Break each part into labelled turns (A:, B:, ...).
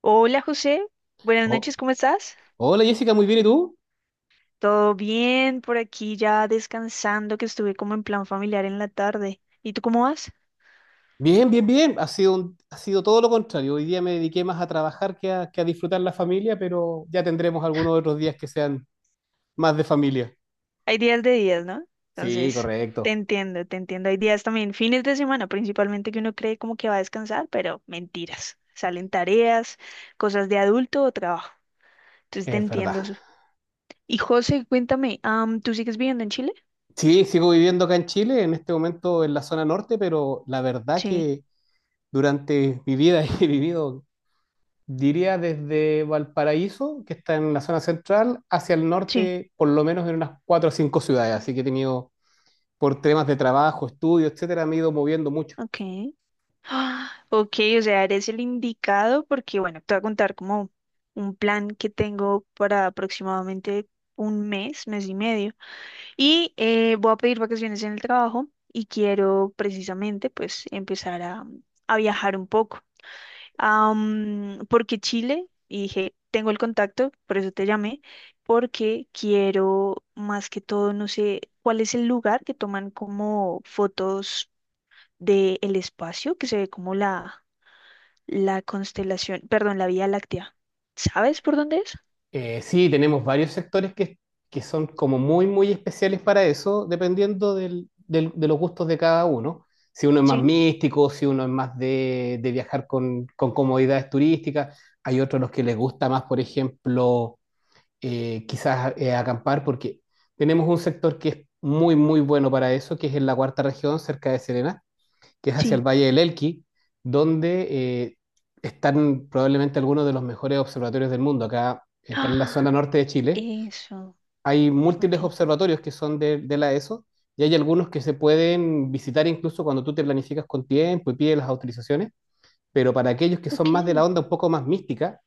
A: Hola José, buenas
B: Oh,
A: noches, ¿cómo estás?
B: hola Jessica, muy bien, ¿y tú?
A: Todo bien por aquí, ya descansando, que estuve como en plan familiar en la tarde. ¿Y tú cómo vas?
B: Bien, bien, bien. Ha sido todo lo contrario. Hoy día me dediqué más a trabajar que a disfrutar la familia, pero ya tendremos algunos otros días que sean más de familia.
A: Hay días de días, ¿no?
B: Sí,
A: Entonces, te
B: correcto.
A: entiendo, te entiendo. Hay días también, fines de semana principalmente, que uno cree como que va a descansar, pero mentiras. Salen tareas, cosas de adulto o trabajo. Entonces, te
B: Es verdad.
A: entiendo. Y José, cuéntame, ¿tú sigues viviendo en Chile?
B: Sí, sigo viviendo acá en Chile, en este momento en la zona norte, pero la verdad
A: Sí,
B: que durante mi vida he vivido, diría desde Valparaíso, que está en la zona central, hacia el
A: sí,
B: norte, por lo menos en unas cuatro o cinco ciudades. Así que he tenido por temas de trabajo, estudio, etcétera, me he ido moviendo mucho.
A: ok. Ah, ok, o sea, eres el indicado porque, bueno, te voy a contar como un plan que tengo para aproximadamente un mes, mes y medio. Y voy a pedir vacaciones en el trabajo y quiero precisamente pues empezar a viajar un poco. Porque Chile, y dije, tengo el contacto, por eso te llamé, porque quiero más que todo, no sé, cuál es el lugar que toman como fotos del espacio, que se ve como la constelación, perdón, la Vía Láctea. ¿Sabes por dónde es?
B: Sí, tenemos varios sectores que son como muy, muy especiales para eso, dependiendo de los gustos de cada uno. Si uno es más
A: Sí,
B: místico, si uno es más de viajar con comodidades turísticas, hay otros los que les gusta más, por ejemplo, quizás acampar, porque tenemos un sector que es muy, muy bueno para eso, que es en la cuarta región, cerca de Serena, que es hacia el
A: sí.
B: Valle del Elqui, donde están probablemente algunos de los mejores observatorios del mundo. Acá en la zona
A: Ah,
B: norte de Chile
A: eso.
B: hay
A: Ok,
B: múltiples observatorios que son de la ESO y hay algunos que se pueden visitar incluso cuando tú te planificas con tiempo y pides las autorizaciones, pero para aquellos que son
A: ok.
B: más de la onda un poco más mística,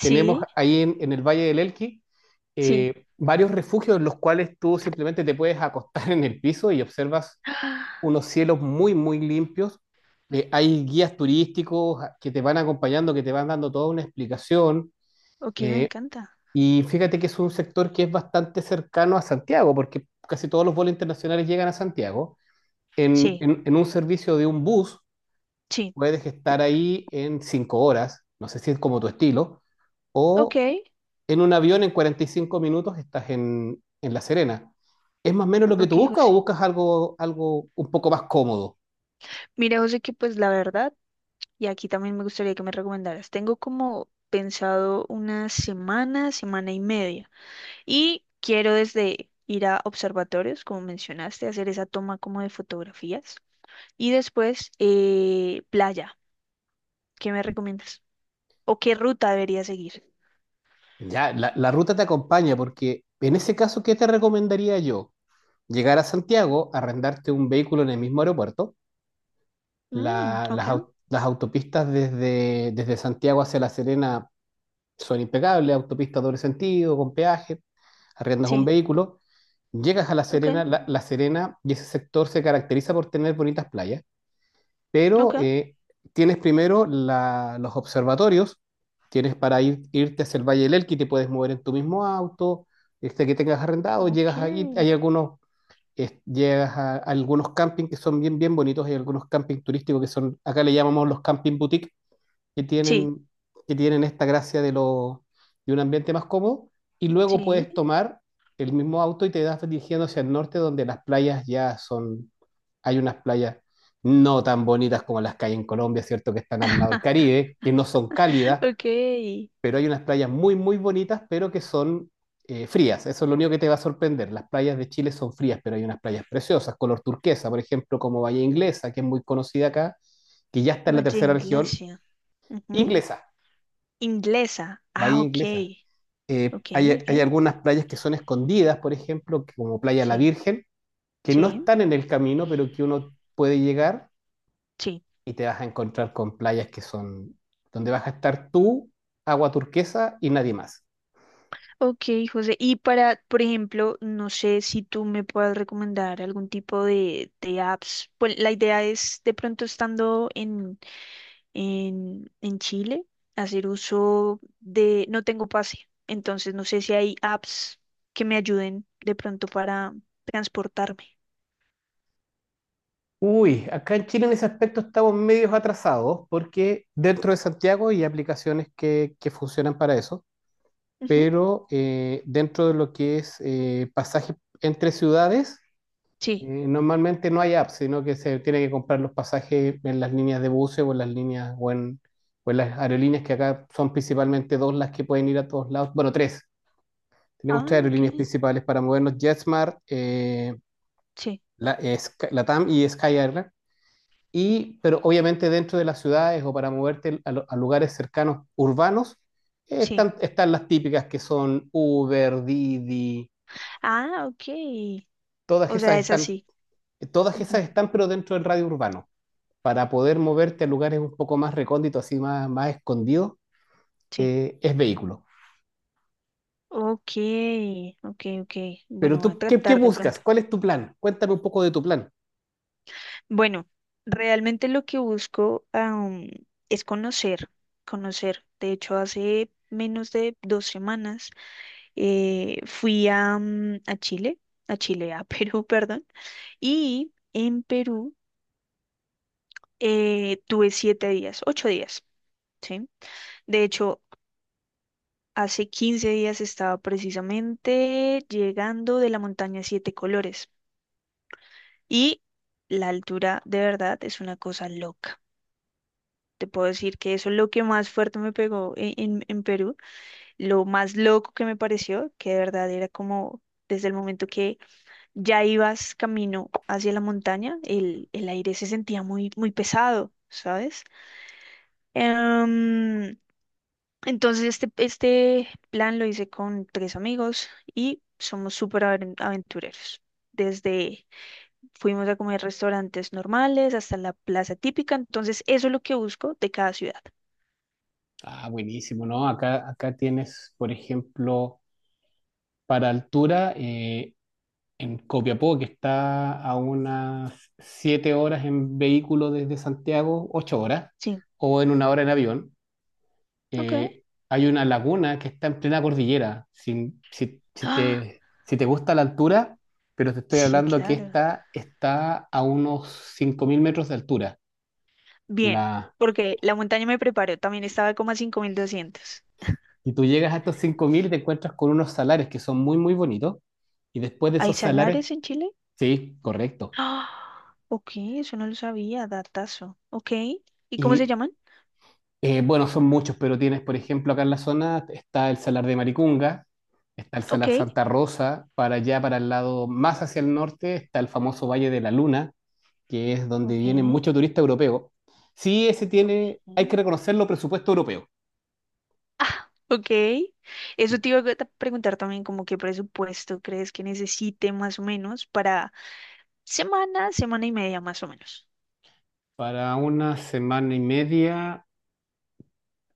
B: tenemos ahí en el Valle del Elqui
A: sí.
B: varios refugios en los cuales tú simplemente te puedes acostar en el piso y observas
A: Ah,
B: unos cielos muy, muy limpios. Hay guías turísticos que te van acompañando, que te van dando toda una explicación.
A: ok, me
B: eh,
A: encanta.
B: y fíjate que es un sector que es bastante cercano a Santiago, porque casi todos los vuelos internacionales llegan a Santiago.
A: Sí,
B: En un servicio de un bus
A: sí.
B: puedes estar ahí en cinco horas, no sé si es como tu estilo,
A: Ok,
B: o en un avión en 45 minutos estás en La Serena. ¿Es más o menos lo que
A: ok,
B: tú buscas o
A: José.
B: buscas algo, algo un poco más cómodo?
A: Mira, José, que pues la verdad, y aquí también me gustaría que me recomendaras. Tengo como pensado una semana, semana y media. Y quiero desde ir a observatorios, como mencionaste, hacer esa toma como de fotografías. Y después, playa. ¿Qué me recomiendas? ¿O qué ruta debería seguir?
B: Ya, la ruta te acompaña porque en ese caso, ¿qué te recomendaría yo? Llegar a Santiago, arrendarte un vehículo en el mismo aeropuerto.
A: Mm, ok,
B: Las autopistas desde Santiago hacia La Serena son impecables, autopistas doble sentido, con peaje, arriendas un
A: sí,
B: vehículo, llegas a La
A: ok,
B: Serena, La Serena y ese sector se caracteriza por tener bonitas playas. Pero
A: ok,
B: tienes primero los observatorios, tienes para ir, irte hacia el Valle del Elqui, te puedes mover en tu mismo auto, este que tengas arrendado,
A: ok.
B: llegas ahí, hay algunos, llegas a algunos campings que son bien, bien bonitos, hay algunos campings turísticos que son, acá le llamamos los camping boutique, que
A: Sí,
B: tienen, que tienen esta gracia de, lo, de un ambiente más cómodo, y luego
A: sí,
B: puedes tomar el mismo auto y te das dirigiendo hacia el norte, donde las playas ya son, hay unas playas no tan bonitas como las que hay en Colombia, ¿cierto? Que están al lado del Caribe, que no son cálidas,
A: ok.
B: pero hay unas playas muy, muy bonitas, pero que son frías. Eso es lo único que te va a sorprender. Las playas de Chile son frías, pero hay unas playas preciosas, color turquesa, por ejemplo, como Bahía Inglesa, que es muy conocida acá, que ya está en la
A: Valle
B: tercera región
A: Iglesia. Ujú,
B: inglesa,
A: Inglesa. Ah,
B: bahía inglesa.
A: ok, ok,
B: Hay
A: ok.
B: algunas playas que son escondidas, por ejemplo, como Playa La
A: Sí,
B: Virgen, que no
A: sí,
B: están en el camino, pero que uno puede llegar
A: sí.
B: y te vas a encontrar con playas que son donde vas a estar tú, agua turquesa y nadie más.
A: Ok, José. Y para, por ejemplo, no sé si tú me puedas recomendar algún tipo de apps. Pues la idea es de pronto estando en Chile, hacer uso de, no tengo pase, entonces no sé si hay apps que me ayuden de pronto para transportarme.
B: Uy, acá en Chile en ese aspecto estamos medios atrasados porque dentro de Santiago hay aplicaciones que funcionan para eso,
A: Ujú,
B: pero dentro de lo que es pasaje entre ciudades.
A: sí.
B: Normalmente no hay apps, sino que se tiene que comprar los pasajes en las líneas de buses o en las líneas o en las aerolíneas que acá son principalmente dos las que pueden ir a todos lados. Bueno, tres. Tenemos
A: Ah,
B: tres
A: ok.
B: aerolíneas principales para movernos: JetSmart,
A: Sí,
B: LATAM y Sky Airline. Y, pero obviamente dentro de las ciudades o para moverte a lugares cercanos urbanos,
A: sí.
B: están las típicas que son Uber, Didi,
A: Ah, ok.
B: todas
A: O
B: esas
A: sea, es
B: están,
A: así.
B: todas esas
A: Ujú,
B: están, pero dentro del radio urbano. Para poder moverte a lugares un poco más recónditos, así más, más escondidos,
A: sí.
B: es vehículo.
A: Ok, ok, ok.
B: Pero
A: Bueno, voy a
B: tú, ¿qué
A: tratar de
B: buscas?
A: pronto.
B: ¿Cuál es tu plan? Cuéntame un poco de tu plan.
A: Bueno, realmente lo que busco, es conocer, conocer. De hecho, hace menos de 2 semanas, fui a Chile, a Perú, perdón, y en Perú, tuve 7 días, 8 días, ¿sí? De hecho, hace 15 días estaba precisamente llegando de la montaña Siete Colores y la altura de verdad es una cosa loca. Te puedo decir que eso es lo que más fuerte me pegó en, en Perú, lo más loco que me pareció, que de verdad era como desde el momento que ya ibas camino hacia la montaña, el aire se sentía muy, muy pesado, ¿sabes? Em, entonces este plan lo hice con tres amigos y somos súper aventureros. Desde fuimos a comer restaurantes normales hasta la plaza típica, entonces eso es lo que busco de cada ciudad.
B: Ah, buenísimo, ¿no? Acá, acá tienes, por ejemplo, para altura, en Copiapó, que está a unas 7 horas en vehículo desde Santiago, 8 horas,
A: Sí,
B: o en una hora en avión.
A: ok.
B: eh, Hay una laguna que está en plena cordillera. Si
A: Ah,
B: te, si te gusta la altura, pero te estoy
A: sí,
B: hablando que
A: claro.
B: esta está a unos 5.000 metros de altura.
A: Bien,
B: La,
A: porque la montaña me preparó, también estaba como a 5.200.
B: y tú llegas a estos 5.000 y te encuentras con unos salares que son muy, muy bonitos. Y después de
A: ¿Hay
B: esos salares,
A: salares en Chile?
B: sí, correcto.
A: Ah, ok, eso no lo sabía, datazo. Ok, ¿y cómo se
B: Y
A: llaman?
B: bueno, son muchos, pero tienes, por ejemplo, acá en la zona está el salar de Maricunga. Está el
A: Ok,
B: Salar Santa Rosa, para allá, para el lado más hacia el norte, está el famoso Valle de la Luna, que es donde
A: ok,
B: vienen muchos turistas europeos, sí, ese
A: ok.
B: tiene, hay que reconocerlo, presupuesto europeo.
A: Ah, ok. Eso te iba a preguntar también, como qué presupuesto crees que necesite más o menos para semana, semana y media más o menos.
B: Para una semana y media,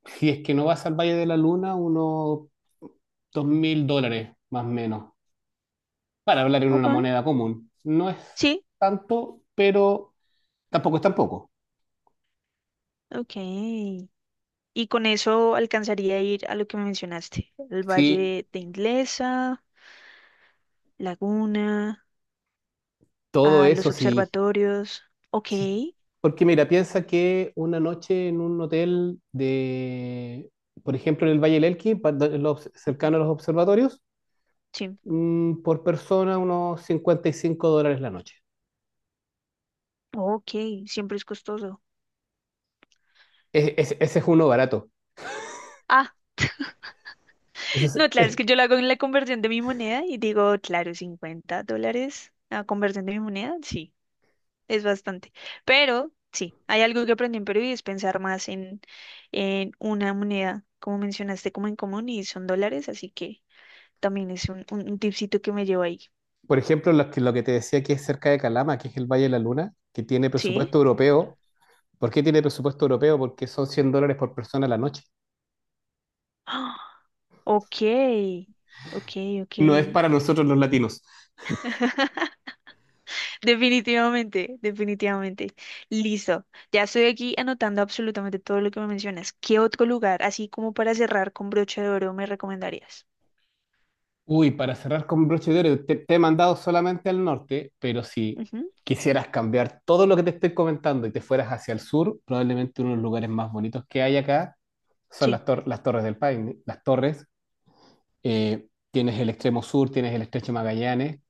B: si es que no vas al Valle de la Luna, unos dos mil dólares más o menos, para hablar en una
A: Ok.
B: moneda común. No es
A: Sí,
B: tanto, pero tampoco es tan poco.
A: ok. Y con eso alcanzaría a ir a lo que me mencionaste, el
B: Sí,
A: Valle de Inglesa, Laguna,
B: todo
A: a los
B: eso sí.
A: observatorios. Ok.
B: Sí. Porque mira, piensa que una noche en un hotel de, por ejemplo, en el Valle del Elqui,
A: Ujú,
B: cercano a los observatorios,
A: sí.
B: mm, por persona unos 55 dólares la noche.
A: Ok, siempre es costoso.
B: Ese es uno barato.
A: Ah,
B: Ese es-
A: no, claro, es
B: es-
A: que yo lo hago en la conversión de mi moneda y digo, claro, $50 la conversión de mi moneda, sí, es bastante. Pero sí, hay algo que aprendí en Perú y es pensar más en una moneda, como mencionaste, como en común y son dólares, así que también es un tipcito que me llevo ahí.
B: por ejemplo, lo que te decía que es cerca de Calama, que es el Valle de la Luna, que tiene
A: ¿Sí?
B: presupuesto europeo. ¿Por qué tiene presupuesto europeo? Porque son 100 dólares por persona la noche.
A: Ah, ok, ok, ok.
B: No es para nosotros los latinos.
A: Definitivamente, definitivamente. Listo. Ya estoy aquí anotando absolutamente todo lo que me mencionas. ¿Qué otro lugar, así como para cerrar con broche de oro, me recomendarías?
B: Uy, para cerrar con broche de oro, te he mandado solamente al norte, pero si
A: Ujú,
B: quisieras cambiar todo lo que te estoy comentando y te fueras hacia el sur, probablemente uno de los lugares más bonitos que hay acá son
A: sí,
B: las Torres del Paine, las Torres. Tienes el extremo sur, tienes el estrecho Magallanes,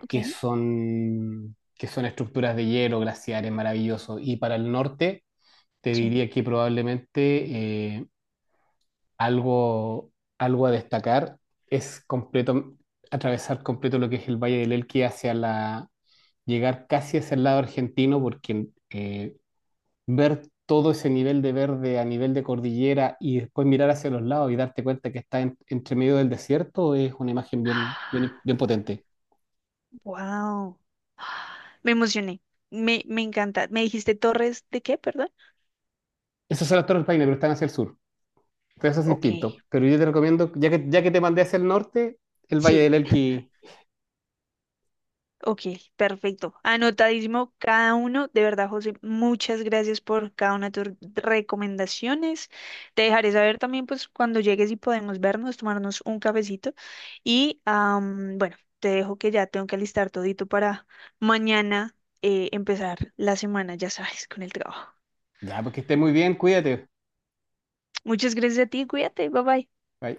A: ok,
B: que son estructuras de hielo, glaciares maravillosos. Y para el norte, te
A: sí.
B: diría que probablemente eh, algo, algo a destacar es completo, atravesar completo lo que es el Valle del Elqui hacia la, llegar casi hacia el lado argentino, porque ver todo ese nivel de verde a nivel de cordillera y después mirar hacia los lados y darte cuenta que está entre medio del desierto es una imagen bien, bien, bien potente.
A: Wow. Me emocioné. Me encanta. ¿Me dijiste Torres de qué, perdón?
B: Esas son las Torres Paine, pero están hacia el sur. Entonces eso es
A: Ok,
B: distinto. Pero yo te recomiendo, ya que te mandé hacia el norte, el Valle
A: sí.
B: del Elqui.
A: Ok, perfecto. Anotadísimo cada uno. De verdad, José, muchas gracias por cada una de tus recomendaciones. Te dejaré saber también, pues, cuando llegues y podemos vernos, tomarnos un cafecito. Y bueno, te dejo que ya tengo que alistar todito para mañana, empezar la semana, ya sabes, con el trabajo.
B: Ya, pues que estés muy bien, cuídate.
A: Muchas gracias a ti, cuídate, bye bye.
B: Bye.